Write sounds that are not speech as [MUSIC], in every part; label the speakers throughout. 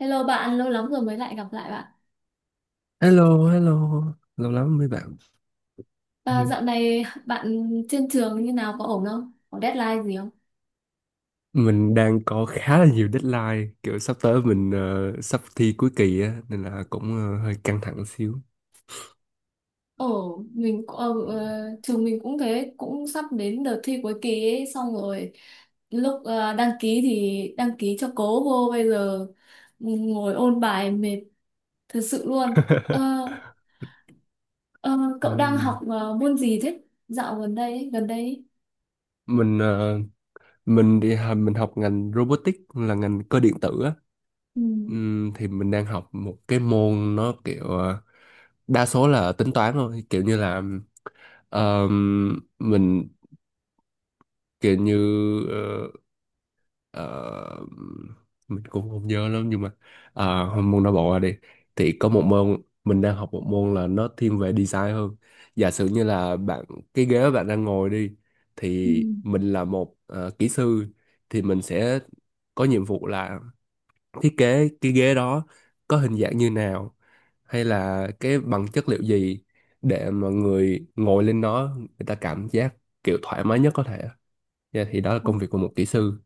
Speaker 1: Hello bạn, lâu lắm rồi mới lại gặp lại bạn.
Speaker 2: Hello, hello. Lâu lắm mới bạn.
Speaker 1: À,
Speaker 2: Ừ.
Speaker 1: dạo này bạn trên trường như nào có ổn không? Có deadline gì không?
Speaker 2: Mình đang có khá là nhiều deadline, kiểu sắp tới mình sắp thi cuối kỳ á nên là cũng hơi căng thẳng xíu.
Speaker 1: Ổn, mình cũng- ờ, ờ, trường mình cũng thế, cũng sắp đến đợt thi cuối kỳ ấy, xong rồi lúc đăng ký thì đăng ký cho cố vô bây giờ ngồi ôn bài mệt thật sự luôn. Ờ,
Speaker 2: [LAUGHS]
Speaker 1: ờ, Cậu đang học
Speaker 2: Ừm.
Speaker 1: môn gì thế? Dạo gần đây ấy, gần đây, ấy.
Speaker 2: Mình ờ, mình đi học- mình học ngành robotics là ngành cơ điện tử á.
Speaker 1: Ừ.
Speaker 2: Thì mình đang học một cái môn nó kiểu đa số là tính toán thôi, kiểu như là mình kiểu như ờ, Ờ, mình cũng không nhớ lắm, nhưng mà môn não bộ ra đi thì có một môn mình đang học, một môn là nó thiên về design hơn. Giả sử như là bạn, cái ghế bạn đang ngồi đi, thì mình là một kỹ sư, thì mình sẽ có nhiệm vụ là thiết kế cái ghế đó, có hình dạng như nào hay là cái bằng chất liệu gì, để mà người ngồi lên nó người ta cảm giác kiểu thoải mái nhất có thể. Dạ, thì đó là
Speaker 1: Ừ.
Speaker 2: công việc của một kỹ sư.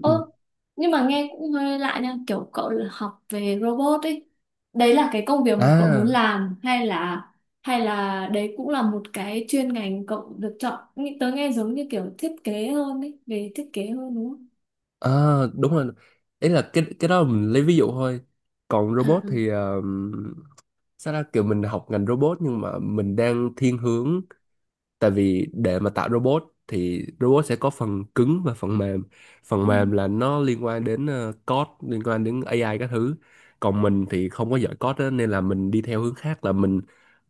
Speaker 1: Ơ, nhưng mà nghe cũng hơi lạ nha, kiểu cậu là học về robot ấy. Đấy là cái công việc mà cậu muốn
Speaker 2: à
Speaker 1: làm hay là đấy cũng là một cái chuyên ngành cậu được chọn. Tớ nghe giống như kiểu thiết kế hơn ấy, về thiết kế hơn đúng không?
Speaker 2: À, đúng rồi. Ý là cái đó mình lấy ví dụ thôi. Còn
Speaker 1: À,
Speaker 2: robot thì sao ra kiểu mình học ngành robot nhưng mà mình đang thiên hướng, tại vì để mà tạo robot thì robot sẽ có phần cứng và phần mềm. Phần
Speaker 1: ừ.
Speaker 2: mềm là nó liên quan đến code, liên quan đến AI các thứ. Còn mình thì không có giỏi code á, nên là mình đi theo hướng khác, là mình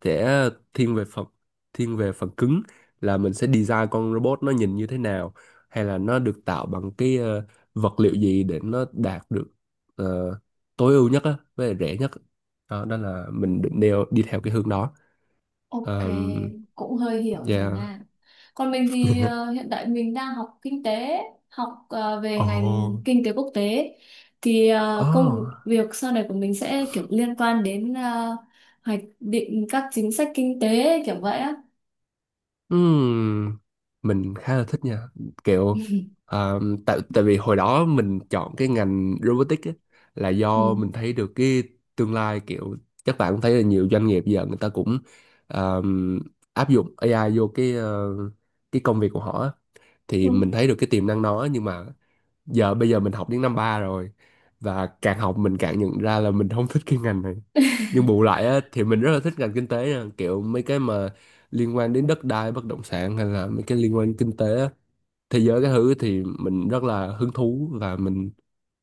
Speaker 2: sẽ thiên về phần thiên về phần cứng, là mình sẽ design con robot nó nhìn như thế nào, hay là nó được tạo bằng cái vật liệu gì để nó đạt được ờ, tối ưu nhất á, với lại rẻ nhất. Đó, đó là mình định đeo đi theo cái hướng đó.
Speaker 1: Ok,
Speaker 2: um,
Speaker 1: cũng hơi hiểu rồi
Speaker 2: yeah
Speaker 1: nha. Còn mình thì hiện tại mình đang học kinh tế, học về ngành
Speaker 2: Ồ.
Speaker 1: kinh tế quốc tế. Thì công
Speaker 2: Oh.
Speaker 1: việc sau này của mình sẽ kiểu liên quan đến hoạch định các chính sách kinh tế kiểu vậy á.
Speaker 2: Ừm, mình khá là thích nha, kiểu
Speaker 1: [LAUGHS]
Speaker 2: à, tại tại vì hồi đó mình chọn cái ngành robotics á, là do mình
Speaker 1: Ừ,
Speaker 2: thấy được cái tương lai, kiểu các bạn cũng thấy là nhiều doanh nghiệp giờ người ta cũng à, áp dụng AI vô cái công việc của họ á. Thì mình
Speaker 1: đúng.
Speaker 2: thấy được cái tiềm năng đó, nhưng mà bây giờ mình học đến năm ba rồi và càng học mình càng nhận ra là mình không thích cái ngành này. Nhưng bù lại á, thì mình rất là thích ngành kinh tế nha. Kiểu mấy cái mà liên quan đến đất đai bất động sản, hay là mấy cái liên quan đến kinh tế á, thế giới cái thứ, thì mình rất là hứng thú và mình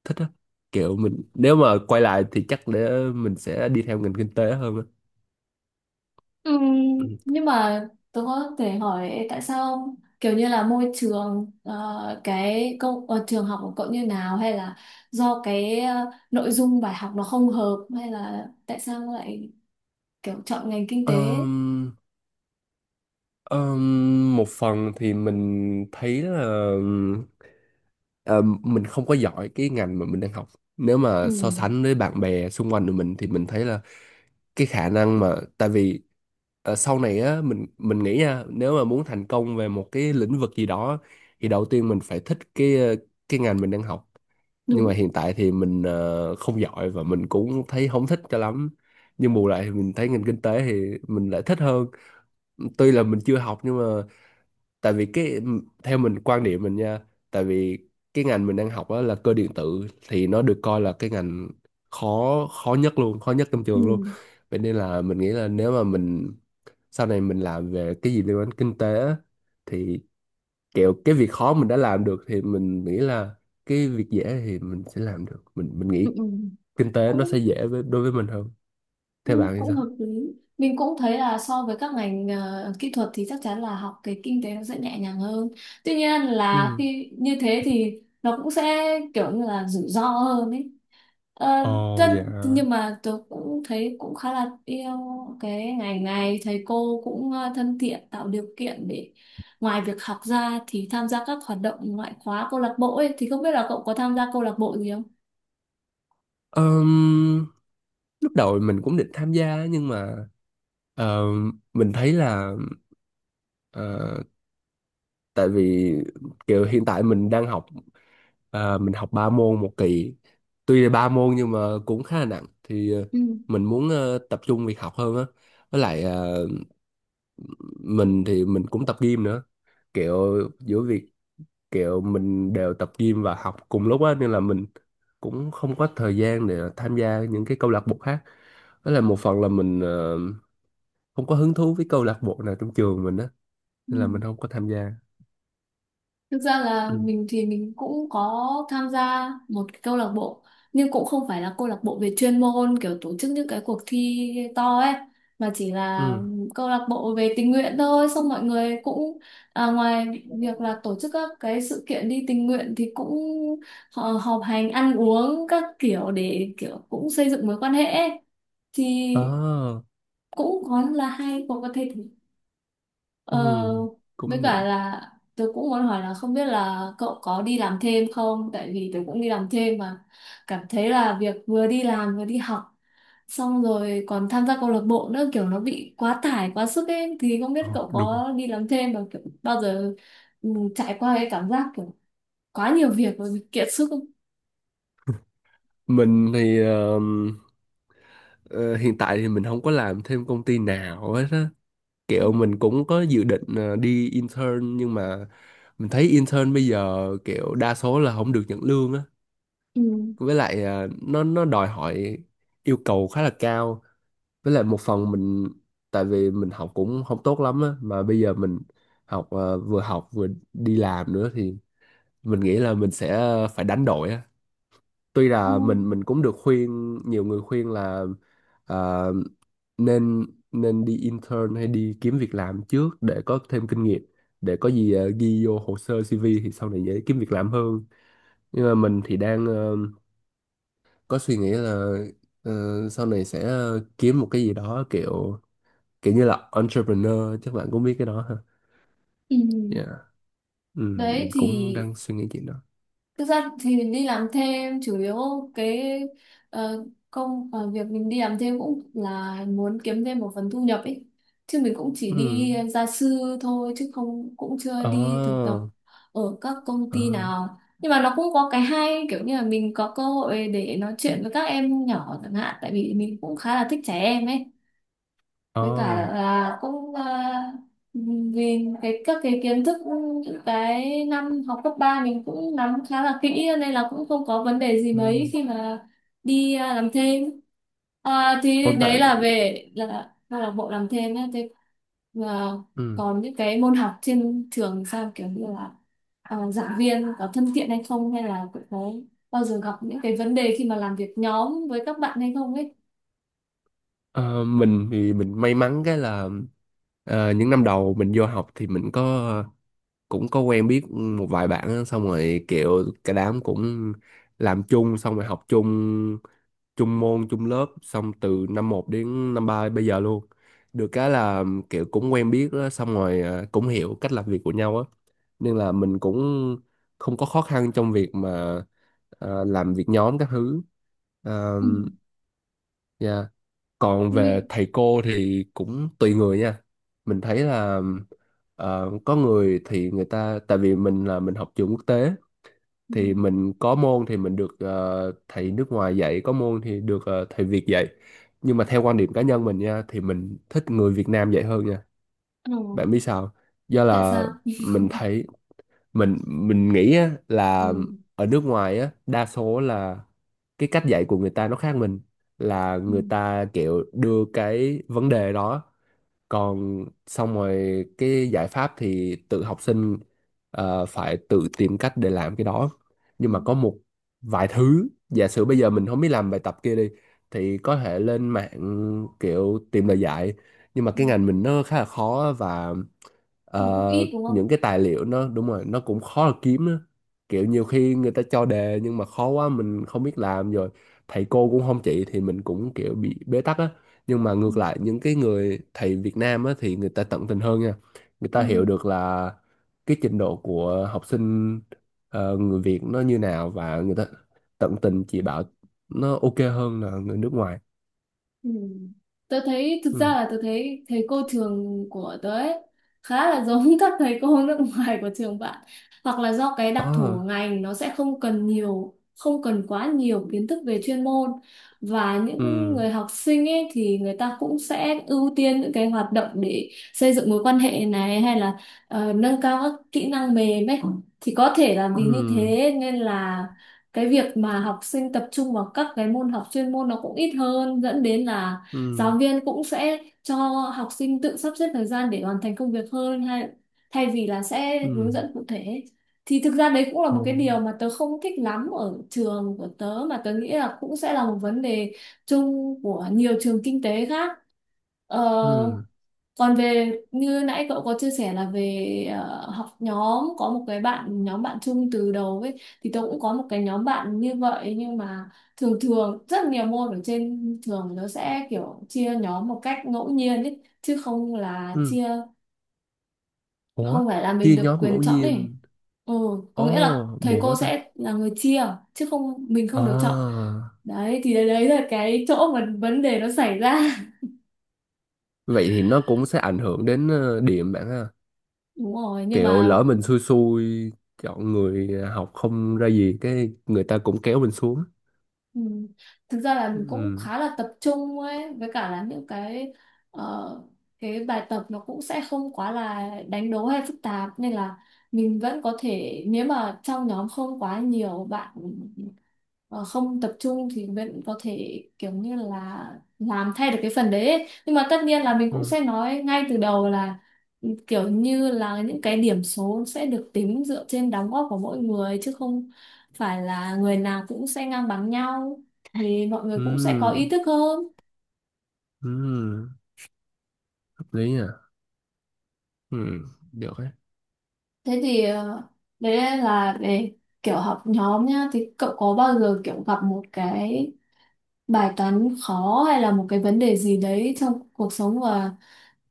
Speaker 2: thích á. Kiểu mình nếu mà quay lại thì chắc để mình sẽ đi theo ngành kinh tế hơn á.
Speaker 1: Ừm,
Speaker 2: Ừ.
Speaker 1: nhưng mà tôi có thể hỏi tại sao kiểu như là môi trường trường học của cậu như nào hay là do cái nội dung bài học nó không hợp hay là tại sao lại kiểu chọn ngành kinh tế?
Speaker 2: Ờm, một phần thì mình thấy là Ờ, mình không có giỏi cái ngành mà mình đang học. Nếu mà
Speaker 1: Ừ,
Speaker 2: so sánh với bạn bè xung quanh của mình thì mình thấy là cái khả năng mà, tại vì sau này á mình nghĩ nha, nếu mà muốn thành công về một cái lĩnh vực gì đó thì đầu tiên mình phải thích cái ngành mình đang học. Nhưng mà
Speaker 1: đúng.
Speaker 2: hiện tại thì mình không giỏi, và mình cũng thấy không thích cho lắm, nhưng bù lại thì mình thấy ngành kinh tế thì mình lại thích hơn, tuy là mình chưa học. Nhưng mà tại vì cái, theo mình quan điểm mình nha, tại vì cái ngành mình đang học đó là cơ điện tử thì nó được coi là cái ngành khó khó nhất luôn, khó nhất trong
Speaker 1: Ừ.
Speaker 2: trường luôn. Vậy nên là mình nghĩ là nếu mà mình sau này mình làm về cái gì liên quan đến kinh tế á, thì kiểu cái việc khó mình đã làm được thì mình nghĩ là cái việc dễ thì mình sẽ làm được, mình
Speaker 1: Ừ.
Speaker 2: nghĩ
Speaker 1: Ừ.
Speaker 2: kinh tế nó sẽ
Speaker 1: Cũng
Speaker 2: dễ đối với mình hơn. Theo
Speaker 1: cũng
Speaker 2: bạn thì
Speaker 1: cũng
Speaker 2: sao?
Speaker 1: hợp lý, mình cũng thấy là so với các ngành kỹ thuật thì chắc chắn là học cái kinh tế nó sẽ nhẹ nhàng hơn, tuy nhiên là
Speaker 2: Ừ.
Speaker 1: khi như thế thì nó cũng sẽ kiểu như là rủi ro hơn ấy. Ờ,
Speaker 2: Ồ, dạ.
Speaker 1: nhưng mà tôi cũng thấy cũng khá là yêu cái ngành này, thầy cô cũng thân thiện, tạo điều kiện để ngoài việc học ra thì tham gia các hoạt động ngoại khóa câu lạc bộ ấy, thì không biết là cậu có tham gia câu lạc bộ gì không?
Speaker 2: Ờm, lúc đầu mình cũng định tham gia, nhưng mà ờ, mình thấy là ờ, tại vì kiểu hiện tại mình đang học, mình học ba môn một kỳ. Tuy là ba môn nhưng mà cũng khá là nặng, thì
Speaker 1: Ừ.
Speaker 2: mình muốn tập trung việc học hơn á. Với lại mình thì mình cũng tập gym nữa, kiểu giữa việc, kiểu mình đều tập gym và học cùng lúc á nên là mình cũng không có thời gian để tham gia những cái câu lạc bộ khác. Đó là một phần là mình không có hứng thú với câu lạc bộ nào trong trường mình á,
Speaker 1: Ừ.
Speaker 2: nên là mình không có tham gia.
Speaker 1: Thực ra là
Speaker 2: Ừ,
Speaker 1: mình thì mình cũng có tham gia một cái câu lạc bộ, nhưng cũng không phải là câu lạc bộ về chuyên môn kiểu tổ chức những cái cuộc thi to ấy, mà chỉ là
Speaker 2: ừ,
Speaker 1: câu lạc bộ về tình nguyện thôi, xong mọi người cũng ngoài việc là tổ chức các cái sự kiện đi tình nguyện thì cũng họ họp hành ăn uống các kiểu để kiểu cũng xây dựng mối quan hệ ấy. Thì
Speaker 2: à,
Speaker 1: cũng có là hay có thể. Ờ,
Speaker 2: ừ,
Speaker 1: với
Speaker 2: cũng được.
Speaker 1: cả là tôi cũng muốn hỏi là không biết là cậu có đi làm thêm không? Tại vì tôi cũng đi làm thêm mà cảm thấy là việc vừa đi làm vừa đi học xong rồi còn tham gia câu lạc bộ nữa kiểu nó bị quá tải, quá sức ấy, thì không biết
Speaker 2: Ồ,
Speaker 1: cậu
Speaker 2: đúng.
Speaker 1: có đi làm thêm và kiểu bao giờ ừ, trải qua cái cảm giác kiểu quá nhiều việc và bị kiệt sức không?
Speaker 2: Mình thì ờ, hiện tại thì mình không có làm thêm công ty nào hết á. Kiểu mình cũng có dự định đi intern, nhưng mà mình thấy intern bây giờ kiểu đa số là không được nhận lương á,
Speaker 1: Ừ.
Speaker 2: với lại nó đòi hỏi yêu cầu khá là cao. Với lại một phần mình, tại vì mình học cũng không tốt lắm á, mà bây giờ học à, vừa học vừa đi làm nữa, thì mình nghĩ là mình sẽ phải đánh đổi á. Tuy
Speaker 1: Ừ.
Speaker 2: là mình cũng được khuyên, nhiều người khuyên là à, nên nên đi intern hay đi kiếm việc làm trước để có thêm kinh nghiệm, để có gì ghi vô hồ sơ CV thì sau này dễ kiếm việc làm hơn. Nhưng mà mình thì đang có suy nghĩ là ờ, sau này sẽ kiếm một cái gì đó, kiểu kiểu như là entrepreneur, chắc bạn cũng biết cái đó ha.
Speaker 1: Ừ.
Speaker 2: Yeah. Ừ,
Speaker 1: Đấy
Speaker 2: mình
Speaker 1: thì.
Speaker 2: cũng đang suy nghĩ chuyện đó.
Speaker 1: Thực ra thì mình đi làm thêm chủ yếu cái ờ, việc mình đi làm thêm cũng là muốn kiếm thêm một phần thu nhập ấy. Chứ mình cũng chỉ
Speaker 2: Ừ.
Speaker 1: đi gia sư thôi chứ không, cũng chưa đi thực tập
Speaker 2: Ờ.
Speaker 1: ở các công
Speaker 2: Ờ.
Speaker 1: ty nào. Nhưng mà nó cũng có cái hay kiểu như là mình có cơ hội để nói chuyện với các em nhỏ chẳng hạn, tại vì mình cũng khá là thích trẻ em ấy,
Speaker 2: Ờ.
Speaker 1: với cả là cũng vì cái các cái kiến thức những cái năm học cấp 3 mình cũng nắm khá là kỹ nên là cũng không có vấn đề gì mấy
Speaker 2: Ừ.
Speaker 1: khi mà đi làm thêm. Thì
Speaker 2: Ôi
Speaker 1: đấy
Speaker 2: bạn.
Speaker 1: là về là câu lạc bộ làm thêm nhé, thế và
Speaker 2: Ừ.
Speaker 1: còn những cái môn học trên trường sao kiểu như là giảng viên có thân thiện hay không, hay là cũng có bao giờ gặp những cái vấn đề khi mà làm việc nhóm với các bạn hay không ấy?
Speaker 2: Ờ, mình thì mình may mắn cái là những năm đầu mình vô học thì mình cũng có quen biết một vài bạn á, xong rồi kiểu cả đám cũng làm chung, xong rồi học chung, chung môn chung lớp, xong từ năm một đến năm 3 bây giờ luôn. Được cái là kiểu cũng quen biết á, xong rồi cũng hiểu cách làm việc của nhau á, nên là mình cũng không có khó khăn trong việc mà làm việc nhóm các thứ. Ờ,
Speaker 1: Ừ.
Speaker 2: dạ. Còn về
Speaker 1: Mình.
Speaker 2: thầy cô thì cũng tùy người nha, mình thấy là có người thì người ta, tại vì mình học trường quốc tế, thì
Speaker 1: Mình.
Speaker 2: mình có môn thì mình được thầy nước ngoài dạy, có môn thì được thầy Việt dạy. Nhưng mà theo quan điểm cá nhân mình nha, thì mình thích người Việt Nam dạy hơn nha.
Speaker 1: Ừ.
Speaker 2: Bạn biết sao? Do
Speaker 1: Tại
Speaker 2: là
Speaker 1: sao?
Speaker 2: mình
Speaker 1: [LAUGHS]
Speaker 2: thấy, mình nghĩ á, là
Speaker 1: Ừ.
Speaker 2: ở nước ngoài á, đa số là cái cách dạy của người ta nó khác mình. Là
Speaker 1: Ừ.
Speaker 2: người ta kiểu đưa cái vấn đề đó, còn xong rồi cái giải pháp thì tự học sinh phải tự tìm cách để làm cái đó.
Speaker 1: Ừ.
Speaker 2: Nhưng mà có một vài thứ, giả sử bây giờ mình không biết làm bài tập kia đi, thì có thể lên mạng kiểu tìm lời giải. Nhưng mà
Speaker 1: Ừ.
Speaker 2: cái ngành mình nó khá là khó, và
Speaker 1: Nó cũng ít đúng không?
Speaker 2: những cái tài liệu nó, đúng rồi, nó cũng khó là kiếm á. Kiểu nhiều khi người ta cho đề nhưng mà khó quá mình không biết làm, rồi thầy cô cũng không chỉ thì mình cũng kiểu bị bế tắc á. Nhưng mà
Speaker 1: Ừ.
Speaker 2: ngược lại, những cái người thầy Việt Nam á, thì người ta tận tình hơn nha. Người
Speaker 1: Ừ.
Speaker 2: ta hiểu được là cái trình độ của học sinh người Việt nó như nào, và người ta tận tình chỉ bảo, nó ok hơn là người nước ngoài.
Speaker 1: Ừ. Tớ thấy, thực ra
Speaker 2: Ừ.
Speaker 1: là tớ thấy thầy cô trường của tớ ấy khá là giống [LAUGHS] các thầy cô nước ngoài của trường bạn, hoặc là do cái đặc thù
Speaker 2: Ờ.
Speaker 1: của ngành nó sẽ không cần nhiều, không cần quá nhiều kiến thức về chuyên môn, và những
Speaker 2: Ừ.
Speaker 1: người học sinh ấy thì người ta cũng sẽ ưu tiên những cái hoạt động để xây dựng mối quan hệ này, hay là nâng cao các kỹ năng mềm ấy, thì có thể là vì như
Speaker 2: Ừ.
Speaker 1: thế nên là cái việc mà học sinh tập trung vào các cái môn học chuyên môn nó cũng ít hơn, dẫn đến là
Speaker 2: Ừ.
Speaker 1: giáo viên cũng sẽ cho học sinh tự sắp xếp thời gian để hoàn thành công việc hơn, hay thay vì là sẽ hướng
Speaker 2: Ừ.
Speaker 1: dẫn cụ thể, thì thực ra đấy cũng là
Speaker 2: Ồ.
Speaker 1: một cái điều mà tớ không thích lắm ở trường của tớ mà tớ nghĩ là cũng sẽ là một vấn đề chung của nhiều trường kinh tế khác. Ờ,
Speaker 2: Ừ.
Speaker 1: Còn về như nãy cậu có chia sẻ là về học nhóm, có một cái bạn, nhóm bạn chung từ đầu ấy, thì tôi cũng có một cái nhóm bạn như vậy, nhưng mà thường thường rất nhiều môn ở trên trường nó sẽ kiểu chia nhóm một cách ngẫu nhiên ấy, chứ không là
Speaker 2: Ừ.
Speaker 1: chia,
Speaker 2: Ủa,
Speaker 1: không phải là mình
Speaker 2: chia
Speaker 1: được
Speaker 2: nhóm
Speaker 1: quyền
Speaker 2: ngẫu
Speaker 1: chọn ấy.
Speaker 2: nhiên?
Speaker 1: Ừ, có nghĩa là
Speaker 2: Ồ,
Speaker 1: thầy
Speaker 2: buồn
Speaker 1: cô
Speaker 2: quá ta.
Speaker 1: sẽ là người chia chứ không, mình không được chọn.
Speaker 2: À,
Speaker 1: Đấy thì đấy đấy là cái chỗ mà vấn đề nó xảy ra.
Speaker 2: vậy thì nó cũng sẽ ảnh hưởng đến điểm bạn ha.
Speaker 1: [LAUGHS] Đúng rồi, nhưng
Speaker 2: Kiểu
Speaker 1: mà.
Speaker 2: lỡ mình xui xui chọn người học không ra gì cái người ta cũng kéo mình xuống.
Speaker 1: Ừ. Thực ra là mình cũng
Speaker 2: Ừ.
Speaker 1: khá là tập trung ấy, với cả là những cái ờ, cái bài tập nó cũng sẽ không quá là đánh đố hay phức tạp, nên là mình vẫn có thể, nếu mà trong nhóm không quá nhiều bạn ờ, không tập trung thì vẫn có thể kiểu như là làm thay được cái phần đấy ấy. Nhưng mà tất nhiên là mình cũng
Speaker 2: Ừ.
Speaker 1: sẽ nói ngay từ đầu là kiểu như là những cái điểm số sẽ được tính dựa trên đóng góp của mỗi người, chứ không phải là người nào cũng sẽ ngang bằng nhau, thì mọi người cũng sẽ có ý
Speaker 2: Ừ.
Speaker 1: thức hơn.
Speaker 2: Ừ. Hợp lý. À. Ừ. Được đấy.
Speaker 1: Thế thì đấy là về kiểu học nhóm nhá, thì cậu có bao giờ kiểu gặp một cái bài toán khó hay là một cái vấn đề gì đấy trong cuộc sống, và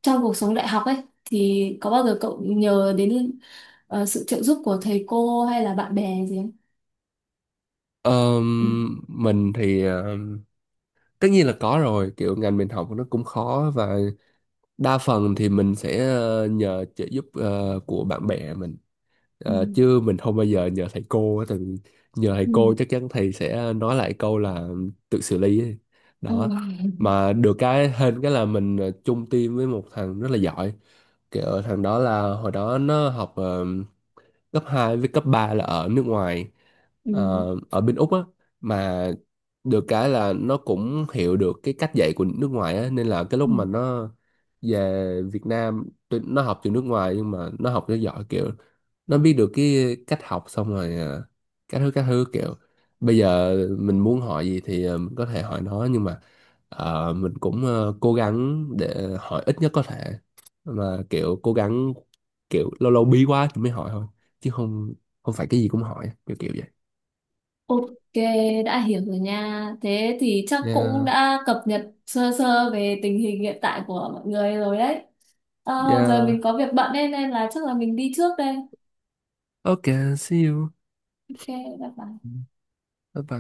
Speaker 1: trong cuộc sống đại học ấy, thì có bao giờ cậu nhờ đến sự trợ giúp của thầy cô hay là bạn bè gì không? Ừ.
Speaker 2: Mình thì tất nhiên là có rồi, kiểu ngành mình học nó cũng khó, và đa phần thì mình sẽ nhờ trợ giúp của bạn bè mình.
Speaker 1: Ừ.
Speaker 2: Chứ mình không bao giờ nhờ thầy cô á, tại vì nhờ thầy cô chắc chắn thầy sẽ nói lại câu là tự xử lý ấy.
Speaker 1: Ừ.
Speaker 2: Đó. Mà được cái hên cái là mình chung team với một thằng rất là giỏi. Kiểu thằng đó là hồi đó nó học cấp 2 với cấp 3 là ở nước ngoài,
Speaker 1: Ừ.
Speaker 2: ở bên Úc á mà. Được cái là nó cũng hiểu được cái cách dạy của nước ngoài á, nên là cái
Speaker 1: Ừ.
Speaker 2: lúc mà nó về Việt Nam, tuy nó học từ nước ngoài nhưng mà nó học cho giỏi, kiểu nó biết được cái cách học, xong rồi các thứ các thứ. Kiểu bây giờ mình muốn hỏi gì thì mình có thể hỏi nó. Nhưng mà mình cũng cố gắng để hỏi ít nhất có thể, mà kiểu cố gắng, kiểu lâu lâu bí quá thì mới hỏi thôi, chứ không không phải cái gì cũng hỏi kiểu kiểu vậy.
Speaker 1: Ok, đã hiểu rồi nha. Thế thì chắc cũng
Speaker 2: Yeah.
Speaker 1: đã cập nhật sơ sơ về tình hình hiện tại của mọi người rồi đấy. Giờ
Speaker 2: Yeah.
Speaker 1: mình có việc bận nên là chắc là mình đi trước đây.
Speaker 2: Okay, see you.
Speaker 1: Ok, bye bye.
Speaker 2: Bye bye.